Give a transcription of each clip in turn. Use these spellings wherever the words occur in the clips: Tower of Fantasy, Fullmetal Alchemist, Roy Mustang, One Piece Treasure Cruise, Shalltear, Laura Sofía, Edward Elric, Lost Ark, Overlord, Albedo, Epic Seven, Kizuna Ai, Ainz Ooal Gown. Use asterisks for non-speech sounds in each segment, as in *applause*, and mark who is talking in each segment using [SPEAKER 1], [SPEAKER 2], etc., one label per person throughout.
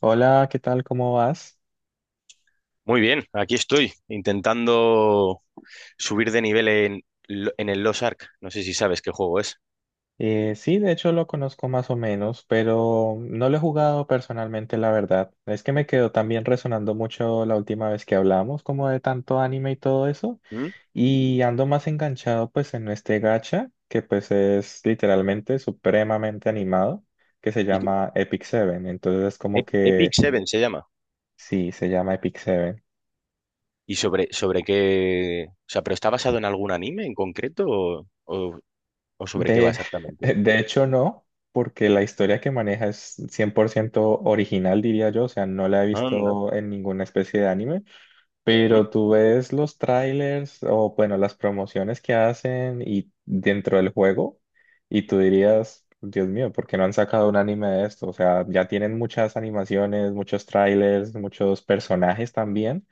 [SPEAKER 1] Hola, ¿qué tal? ¿Cómo vas?
[SPEAKER 2] Muy bien, aquí estoy intentando subir de nivel en, en el Lost Ark. No sé si sabes qué juego es.
[SPEAKER 1] Sí, de hecho lo conozco más o menos, pero no lo he jugado personalmente, la verdad. Es que me quedó también resonando mucho la última vez que hablamos, como de tanto anime y todo eso,
[SPEAKER 2] ¿Mm?
[SPEAKER 1] y ando más enganchado pues en este gacha, que pues es literalmente supremamente animado, que se
[SPEAKER 2] Y que-
[SPEAKER 1] llama Epic Seven. Entonces es como
[SPEAKER 2] Epic
[SPEAKER 1] que
[SPEAKER 2] Seven se llama.
[SPEAKER 1] sí, se llama Epic Seven.
[SPEAKER 2] ¿Y sobre qué? O sea, ¿pero está basado en algún anime en concreto o sobre qué va
[SPEAKER 1] De, *laughs*
[SPEAKER 2] exactamente?
[SPEAKER 1] de hecho, no, porque la historia que maneja es 100% original, diría yo, o sea, no la he
[SPEAKER 2] Anda.
[SPEAKER 1] visto en ninguna especie de anime,
[SPEAKER 2] ¿Mm?
[SPEAKER 1] pero tú ves los trailers o, bueno, las promociones que hacen y dentro del juego, y tú dirías, Dios mío, ¿por qué no han sacado un anime de esto? O sea, ya tienen muchas animaciones, muchos trailers, muchos personajes también.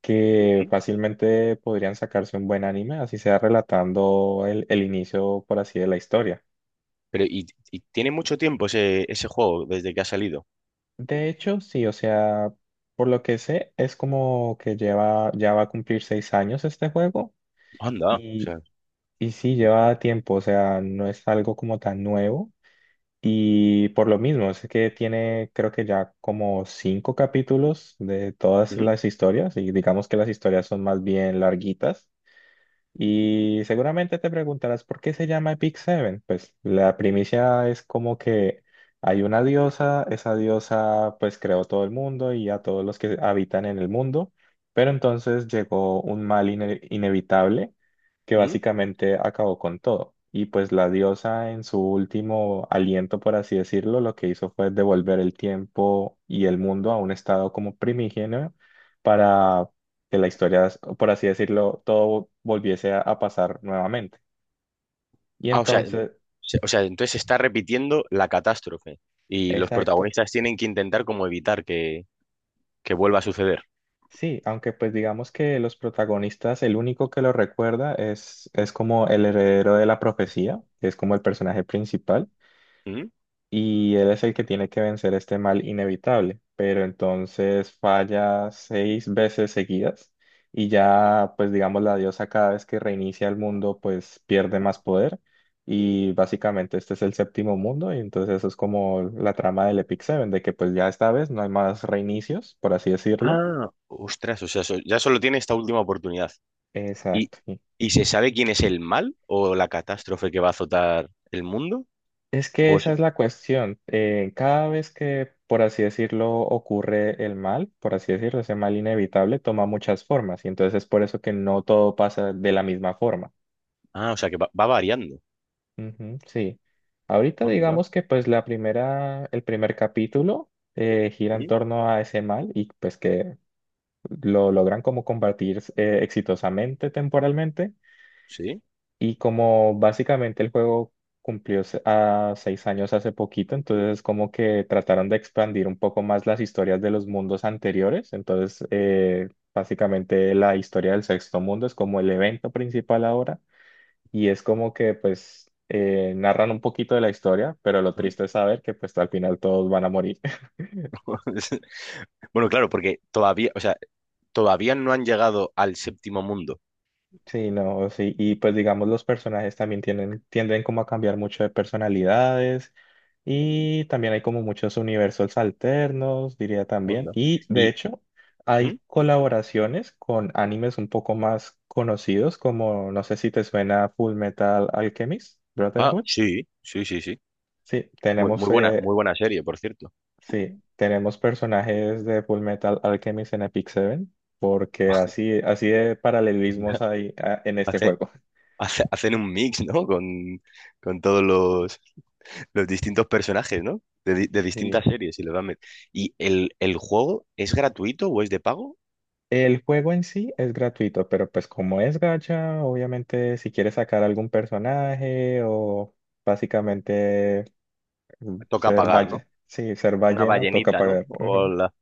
[SPEAKER 1] Que
[SPEAKER 2] ¿Sí?
[SPEAKER 1] fácilmente podrían sacarse un buen anime, así sea relatando el inicio, por así, de la historia.
[SPEAKER 2] Pero, y, y tiene mucho tiempo ese juego desde que ha salido.
[SPEAKER 1] De hecho, sí, o sea, por lo que sé, es como que lleva, ya va a cumplir 6 años este juego
[SPEAKER 2] Anda. O
[SPEAKER 1] y,
[SPEAKER 2] sea,
[SPEAKER 1] y sí,
[SPEAKER 2] sí, sí.
[SPEAKER 1] lleva tiempo, o sea, no es algo como tan nuevo y por lo mismo, es que tiene creo que ya como cinco capítulos de todas
[SPEAKER 2] ¿Mm?
[SPEAKER 1] las historias y digamos que las historias son más bien larguitas. Y seguramente te preguntarás por qué se llama Epic Seven. Pues la primicia es como que hay una diosa, esa diosa pues creó todo el mundo y a todos los que habitan en el mundo, pero entonces llegó un mal inevitable que
[SPEAKER 2] ¿Mm?
[SPEAKER 1] básicamente acabó con todo. Y pues la diosa en su último aliento, por así decirlo, lo que hizo fue devolver el tiempo y el mundo a un estado como primigenio que la historia, por así decirlo, todo volviese a pasar nuevamente. Y
[SPEAKER 2] Ah, o sea,
[SPEAKER 1] entonces,
[SPEAKER 2] o sea, entonces se está repitiendo la catástrofe y los
[SPEAKER 1] exacto.
[SPEAKER 2] protagonistas tienen que intentar como evitar que vuelva a suceder.
[SPEAKER 1] Sí, aunque pues digamos que los protagonistas, el único que lo recuerda es como el heredero de la profecía, que es como el personaje principal.
[SPEAKER 2] ¿Mm?
[SPEAKER 1] Y él es el que tiene que vencer este mal inevitable, pero entonces falla seis veces seguidas y ya, pues digamos, la diosa cada vez que reinicia el mundo, pues pierde más poder y básicamente este es el séptimo mundo y entonces eso es como la trama del Epic Seven, de que pues ya esta vez no hay más reinicios, por así decirlo.
[SPEAKER 2] Ah, ostras, o sea, ya solo tiene esta última oportunidad. ¿Y,
[SPEAKER 1] Exacto.
[SPEAKER 2] y se sabe quién es el mal o la catástrofe que va a azotar el mundo?
[SPEAKER 1] Es que
[SPEAKER 2] ¿O eso?
[SPEAKER 1] esa es la cuestión. Cada vez que, por así decirlo, ocurre el mal, por así decirlo, ese mal inevitable toma muchas formas y entonces es por eso que no todo pasa de la misma forma.
[SPEAKER 2] Ah, o sea, que va variando.
[SPEAKER 1] Ujú, sí. Ahorita
[SPEAKER 2] Onda.
[SPEAKER 1] digamos que pues la primera, el primer capítulo gira en
[SPEAKER 2] ¿Mm?
[SPEAKER 1] torno a ese mal y pues que lo logran como combatir exitosamente temporalmente.
[SPEAKER 2] ¿Sí?
[SPEAKER 1] Y como básicamente el juego cumplió a 6 años hace poquito, entonces como que trataron de expandir un poco más las historias de los mundos anteriores. Entonces, básicamente la historia del sexto mundo es como el evento principal ahora y es como que pues narran un poquito de la historia, pero lo
[SPEAKER 2] ¿Mm?
[SPEAKER 1] triste es saber que pues al final todos van a morir.
[SPEAKER 2] *laughs* Bueno, claro, porque todavía, o sea, todavía no han llegado al séptimo mundo.
[SPEAKER 1] Sí, no, sí, y pues digamos los personajes también tienen tienden como a cambiar mucho de personalidades y también hay como muchos universos alternos, diría también,
[SPEAKER 2] Onda.
[SPEAKER 1] y de
[SPEAKER 2] Y,
[SPEAKER 1] hecho
[SPEAKER 2] ¿Mm?
[SPEAKER 1] hay colaboraciones con animes un poco más conocidos como, no sé si te suena Full Metal Alchemist,
[SPEAKER 2] Ah,
[SPEAKER 1] Brotherhood.
[SPEAKER 2] sí, sí, sí, sí.
[SPEAKER 1] Sí,
[SPEAKER 2] Muy,
[SPEAKER 1] tenemos,
[SPEAKER 2] muy
[SPEAKER 1] eh,
[SPEAKER 2] buena serie, por cierto.
[SPEAKER 1] sí, tenemos personajes de Full Metal Alchemist en Epic Seven porque así de
[SPEAKER 2] *laughs*
[SPEAKER 1] paralelismos
[SPEAKER 2] Onda.
[SPEAKER 1] hay en este
[SPEAKER 2] Hace-
[SPEAKER 1] juego.
[SPEAKER 2] hacen un mix, ¿no? Con todos los distintos personajes, ¿no? De distintas
[SPEAKER 1] *laughs* Sí.
[SPEAKER 2] series y los van ¿Y el juego es gratuito o es de pago?
[SPEAKER 1] El juego en sí es gratuito, pero pues como es gacha, obviamente si quieres sacar algún personaje o básicamente
[SPEAKER 2] Toca
[SPEAKER 1] ser
[SPEAKER 2] pagar, ¿no?
[SPEAKER 1] valle, sí, ser
[SPEAKER 2] Una
[SPEAKER 1] ballena, toca
[SPEAKER 2] ballenita, ¿no?
[SPEAKER 1] pagar.
[SPEAKER 2] Hola.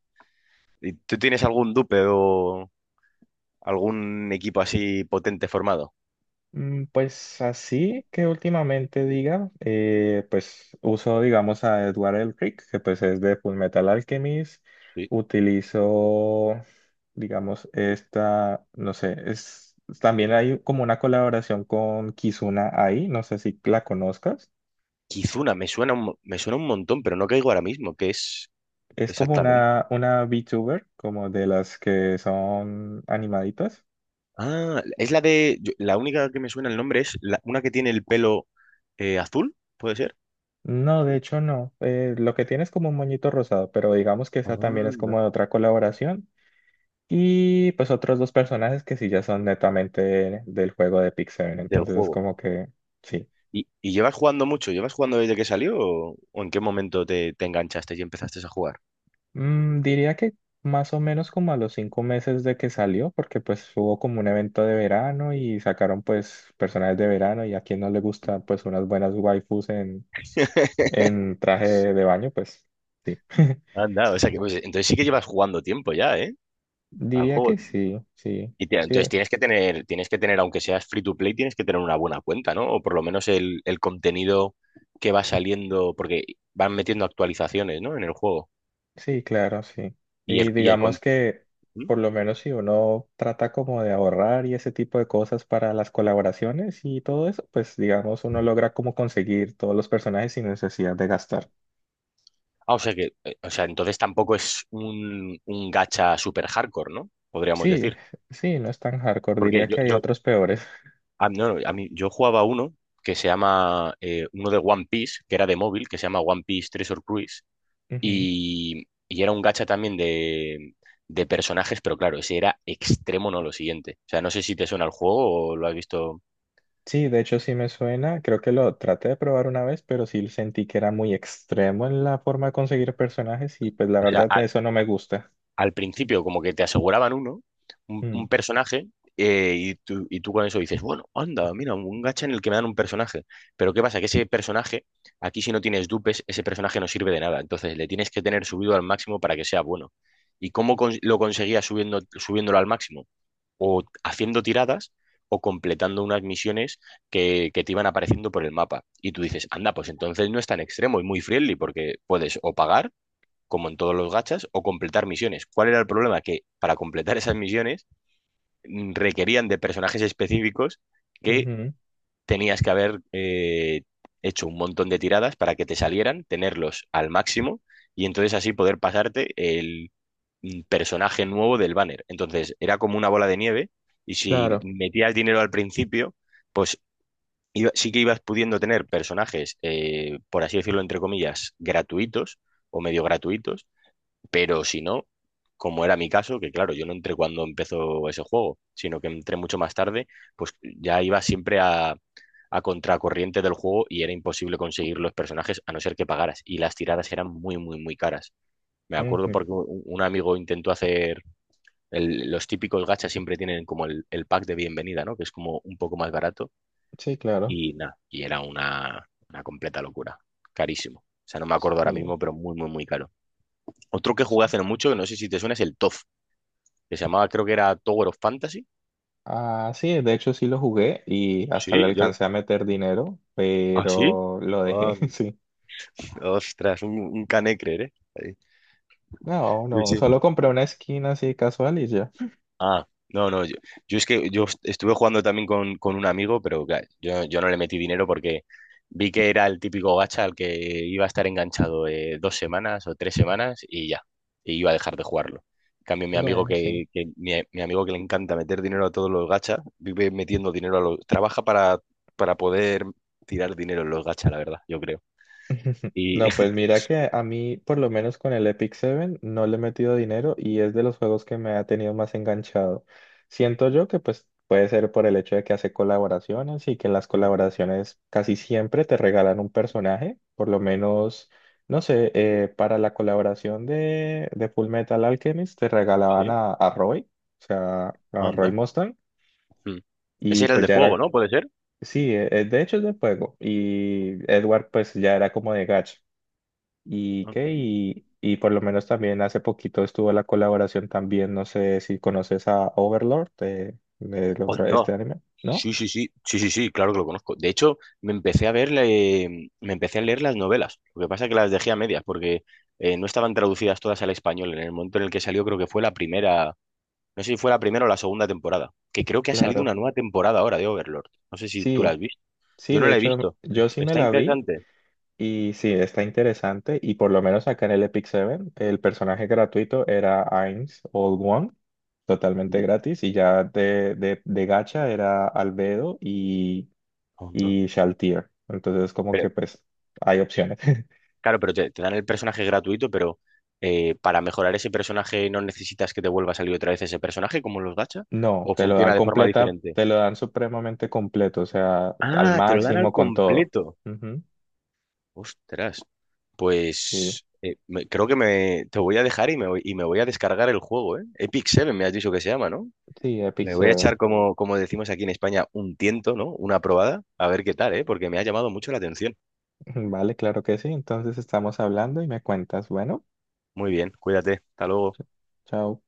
[SPEAKER 2] ¿Y tú tienes algún dupe o algún equipo así potente formado?
[SPEAKER 1] Pues así que últimamente diga, pues uso digamos a Edward Elric, que pues es de Fullmetal Alchemist,
[SPEAKER 2] Sí.
[SPEAKER 1] utilizo digamos esta, no sé, es también hay como una colaboración con Kizuna Ai, no sé si la conozcas,
[SPEAKER 2] Kizuna, me suena un, me suena un montón, pero no caigo ahora mismo. ¿Qué es
[SPEAKER 1] es como
[SPEAKER 2] exactamente?
[SPEAKER 1] una VTuber, como de las que son animaditas.
[SPEAKER 2] Ah, es la de... la única que me suena el nombre es una que tiene el pelo azul, ¿puede ser?
[SPEAKER 1] No, de hecho no. Lo que tiene es como un moñito rosado, pero digamos que esa también es como
[SPEAKER 2] Anda.
[SPEAKER 1] de otra colaboración. Y pues otros dos personajes que sí ya son netamente del juego de Pick Seven.
[SPEAKER 2] Del
[SPEAKER 1] Entonces es
[SPEAKER 2] juego.
[SPEAKER 1] como que sí.
[SPEAKER 2] ¿ y llevas jugando mucho? ¿Llevas jugando desde que salió o en qué momento te enganchaste y empezaste a jugar?
[SPEAKER 1] Diría que más o menos como a los 5 meses de que salió, porque pues hubo como un evento de verano y sacaron pues personajes de verano y a quien no le gusta pues unas buenas waifus en traje de baño, pues sí. *laughs*
[SPEAKER 2] Anda, o sea que pues, entonces sí que llevas jugando tiempo ya, ¿eh? Al
[SPEAKER 1] Diría
[SPEAKER 2] juego.
[SPEAKER 1] que sí, sí.
[SPEAKER 2] Y entonces
[SPEAKER 1] Sí,
[SPEAKER 2] tienes que tener, aunque seas free to play, tienes que tener una buena cuenta, ¿no? O por lo menos el contenido que va saliendo, porque van metiendo actualizaciones, ¿no? En el juego.
[SPEAKER 1] sí, claro, sí.
[SPEAKER 2] Y
[SPEAKER 1] Y digamos que
[SPEAKER 2] ¿Mm?
[SPEAKER 1] por lo menos si uno trata como de ahorrar y ese tipo de cosas para las colaboraciones y todo eso, pues digamos uno logra como conseguir todos los personajes sin necesidad de gastar.
[SPEAKER 2] Ah, o sea que, o sea, entonces tampoco es un gacha super hardcore, ¿no? Podríamos
[SPEAKER 1] Sí,
[SPEAKER 2] decir.
[SPEAKER 1] sí, no es tan hardcore,
[SPEAKER 2] Porque
[SPEAKER 1] diría que hay otros peores.
[SPEAKER 2] No, no, a mí, yo jugaba uno que se llama, uno de One Piece, que era de móvil, que se llama One Piece Treasure Cruise,
[SPEAKER 1] *laughs* Ujú.
[SPEAKER 2] y era un gacha también de personajes, pero claro, ese era extremo, no lo siguiente. O sea, no sé si te suena el juego o lo has visto.
[SPEAKER 1] Sí, de hecho sí me suena, creo que lo traté de probar una vez, pero sí sentí que era muy extremo en la forma de conseguir personajes y pues la
[SPEAKER 2] O sea,
[SPEAKER 1] verdad eso no me gusta.
[SPEAKER 2] al principio como que te aseguraban uno,
[SPEAKER 1] Mm,
[SPEAKER 2] un personaje, y tú con eso dices, bueno, anda, mira, un gacha en el que me dan un personaje. Pero ¿qué pasa? Que ese personaje, aquí si no tienes dupes, ese personaje no sirve de nada. Entonces le tienes que tener subido al máximo para que sea bueno. ¿Y cómo lo conseguías subiéndolo al máximo? O haciendo tiradas o completando unas misiones que te iban apareciendo por el mapa. Y tú dices, anda, pues entonces no es tan extremo y muy friendly porque puedes o pagar como en todos los gachas, o completar misiones. ¿Cuál era el problema? Que para completar esas misiones requerían de personajes específicos que
[SPEAKER 1] ujú,
[SPEAKER 2] tenías que haber hecho un montón de tiradas para que te salieran, tenerlos al máximo y entonces así poder pasarte el personaje nuevo del banner. Entonces era como una bola de nieve y si
[SPEAKER 1] claro,
[SPEAKER 2] metías dinero al principio, pues sí que ibas pudiendo tener personajes, por así decirlo, entre comillas, gratuitos o medio gratuitos pero si no, como era mi caso, que claro, yo no entré cuando empezó ese juego, sino que entré mucho más tarde, pues ya iba siempre a contracorriente del juego y era imposible conseguir los personajes a no ser que pagaras. Y las tiradas eran muy, muy, muy caras. Me acuerdo
[SPEAKER 1] ujú,
[SPEAKER 2] porque un amigo intentó hacer los típicos gachas siempre tienen como el pack de bienvenida, ¿no? Que es como un poco más barato
[SPEAKER 1] sí, claro,
[SPEAKER 2] y nada, y era una completa locura, carísimo. O sea, no me acuerdo ahora
[SPEAKER 1] sí.
[SPEAKER 2] mismo, pero muy, muy, muy caro. Otro que jugué
[SPEAKER 1] Sí.
[SPEAKER 2] hace no mucho, que no sé si te suena, es el TOF que se llamaba, creo que era Tower of Fantasy.
[SPEAKER 1] Ah, sí, de hecho sí lo jugué y hasta le
[SPEAKER 2] Sí, yo...
[SPEAKER 1] alcancé a meter dinero,
[SPEAKER 2] ¿Ah, sí?
[SPEAKER 1] pero lo
[SPEAKER 2] Ah,
[SPEAKER 1] dejé, *laughs* sí.
[SPEAKER 2] ostras, un canecre, ¿eh? Ahí.
[SPEAKER 1] No,
[SPEAKER 2] Sí,
[SPEAKER 1] no,
[SPEAKER 2] sí.
[SPEAKER 1] solo compré una skin así casual y ya.
[SPEAKER 2] Ah, no, no, yo es que yo estuve jugando también con un amigo, pero claro, yo no le metí dinero porque vi que era el típico gacha al que iba a estar enganchado dos semanas o tres semanas y ya, y iba a dejar de jugarlo. En cambio, mi amigo
[SPEAKER 1] Bueno, sí.
[SPEAKER 2] mi amigo que le encanta meter dinero a todos los gachas, vive metiendo dinero a los, trabaja para poder tirar dinero en los gachas, la verdad, yo creo. Y
[SPEAKER 1] No, pues mira que a mí, por lo menos con el Epic Seven, no le he metido dinero y es de los juegos que me ha tenido más enganchado. Siento yo que pues puede ser por el hecho de que hace colaboraciones y que las
[SPEAKER 2] *laughs*
[SPEAKER 1] colaboraciones casi siempre te regalan un personaje, por lo menos, no sé, para la colaboración de Full Metal Alchemist te regalaban
[SPEAKER 2] sí,
[SPEAKER 1] a Roy, o sea, a Roy
[SPEAKER 2] anda.
[SPEAKER 1] Mustang,
[SPEAKER 2] Mm. Ese
[SPEAKER 1] y
[SPEAKER 2] era el
[SPEAKER 1] pues
[SPEAKER 2] de
[SPEAKER 1] ya
[SPEAKER 2] fuego,
[SPEAKER 1] era,
[SPEAKER 2] ¿no? ¿Puede ser?
[SPEAKER 1] sí, de hecho es de juego y Edward pues ya era como de gacha. ¿Y qué?
[SPEAKER 2] Anda.
[SPEAKER 1] Y por lo menos también hace poquito estuvo la colaboración también, no sé si conoces a Overlord del
[SPEAKER 2] Onda.
[SPEAKER 1] este anime, ¿no?
[SPEAKER 2] Sí, sí, sí, sí, sí, sí, claro que lo conozco. De hecho, me empecé a ver, me empecé a leer las novelas. Lo que pasa es que las dejé a medias porque no estaban traducidas todas al español. En el momento en el que salió, creo que fue la primera, no sé si fue la primera o la segunda temporada, que creo que ha salido
[SPEAKER 1] Claro.
[SPEAKER 2] una nueva temporada ahora de Overlord. No sé si tú la
[SPEAKER 1] Sí,
[SPEAKER 2] has visto.
[SPEAKER 1] sí,
[SPEAKER 2] Yo no
[SPEAKER 1] de
[SPEAKER 2] la he
[SPEAKER 1] hecho
[SPEAKER 2] visto.
[SPEAKER 1] yo sí me
[SPEAKER 2] Está
[SPEAKER 1] la vi
[SPEAKER 2] interesante.
[SPEAKER 1] y sí, está interesante y por lo menos acá en el Epic Seven el personaje gratuito era Ainz Old One, totalmente
[SPEAKER 2] Ujú.
[SPEAKER 1] gratis y ya de gacha era Albedo y,
[SPEAKER 2] Hondo.
[SPEAKER 1] y Shaltir. Entonces como
[SPEAKER 2] Pero,
[SPEAKER 1] que pues hay opciones. *laughs*
[SPEAKER 2] claro, pero te dan el personaje gratuito, pero para mejorar ese personaje no necesitas que te vuelva a salir otra vez ese personaje como en los gacha,
[SPEAKER 1] No,
[SPEAKER 2] o
[SPEAKER 1] te lo dan
[SPEAKER 2] funciona de forma
[SPEAKER 1] completa,
[SPEAKER 2] diferente.
[SPEAKER 1] te lo dan supremamente completo, o sea, al
[SPEAKER 2] Ah, te lo dan al
[SPEAKER 1] máximo con todo.
[SPEAKER 2] completo.
[SPEAKER 1] Ujú,
[SPEAKER 2] Ostras,
[SPEAKER 1] sí,
[SPEAKER 2] pues creo que te voy a dejar y y me voy a descargar el juego, ¿eh? Epic Seven me has dicho que se llama, ¿no?
[SPEAKER 1] sí, Epic
[SPEAKER 2] Le voy a
[SPEAKER 1] Seven.
[SPEAKER 2] echar, como, como decimos aquí en España, un tiento, ¿no? Una probada, a ver qué tal, ¿eh? Porque me ha llamado mucho la atención.
[SPEAKER 1] *laughs* Vale, claro que sí. Entonces estamos hablando y me cuentas. Bueno,
[SPEAKER 2] Muy bien, cuídate, hasta luego.
[SPEAKER 1] ch- chao.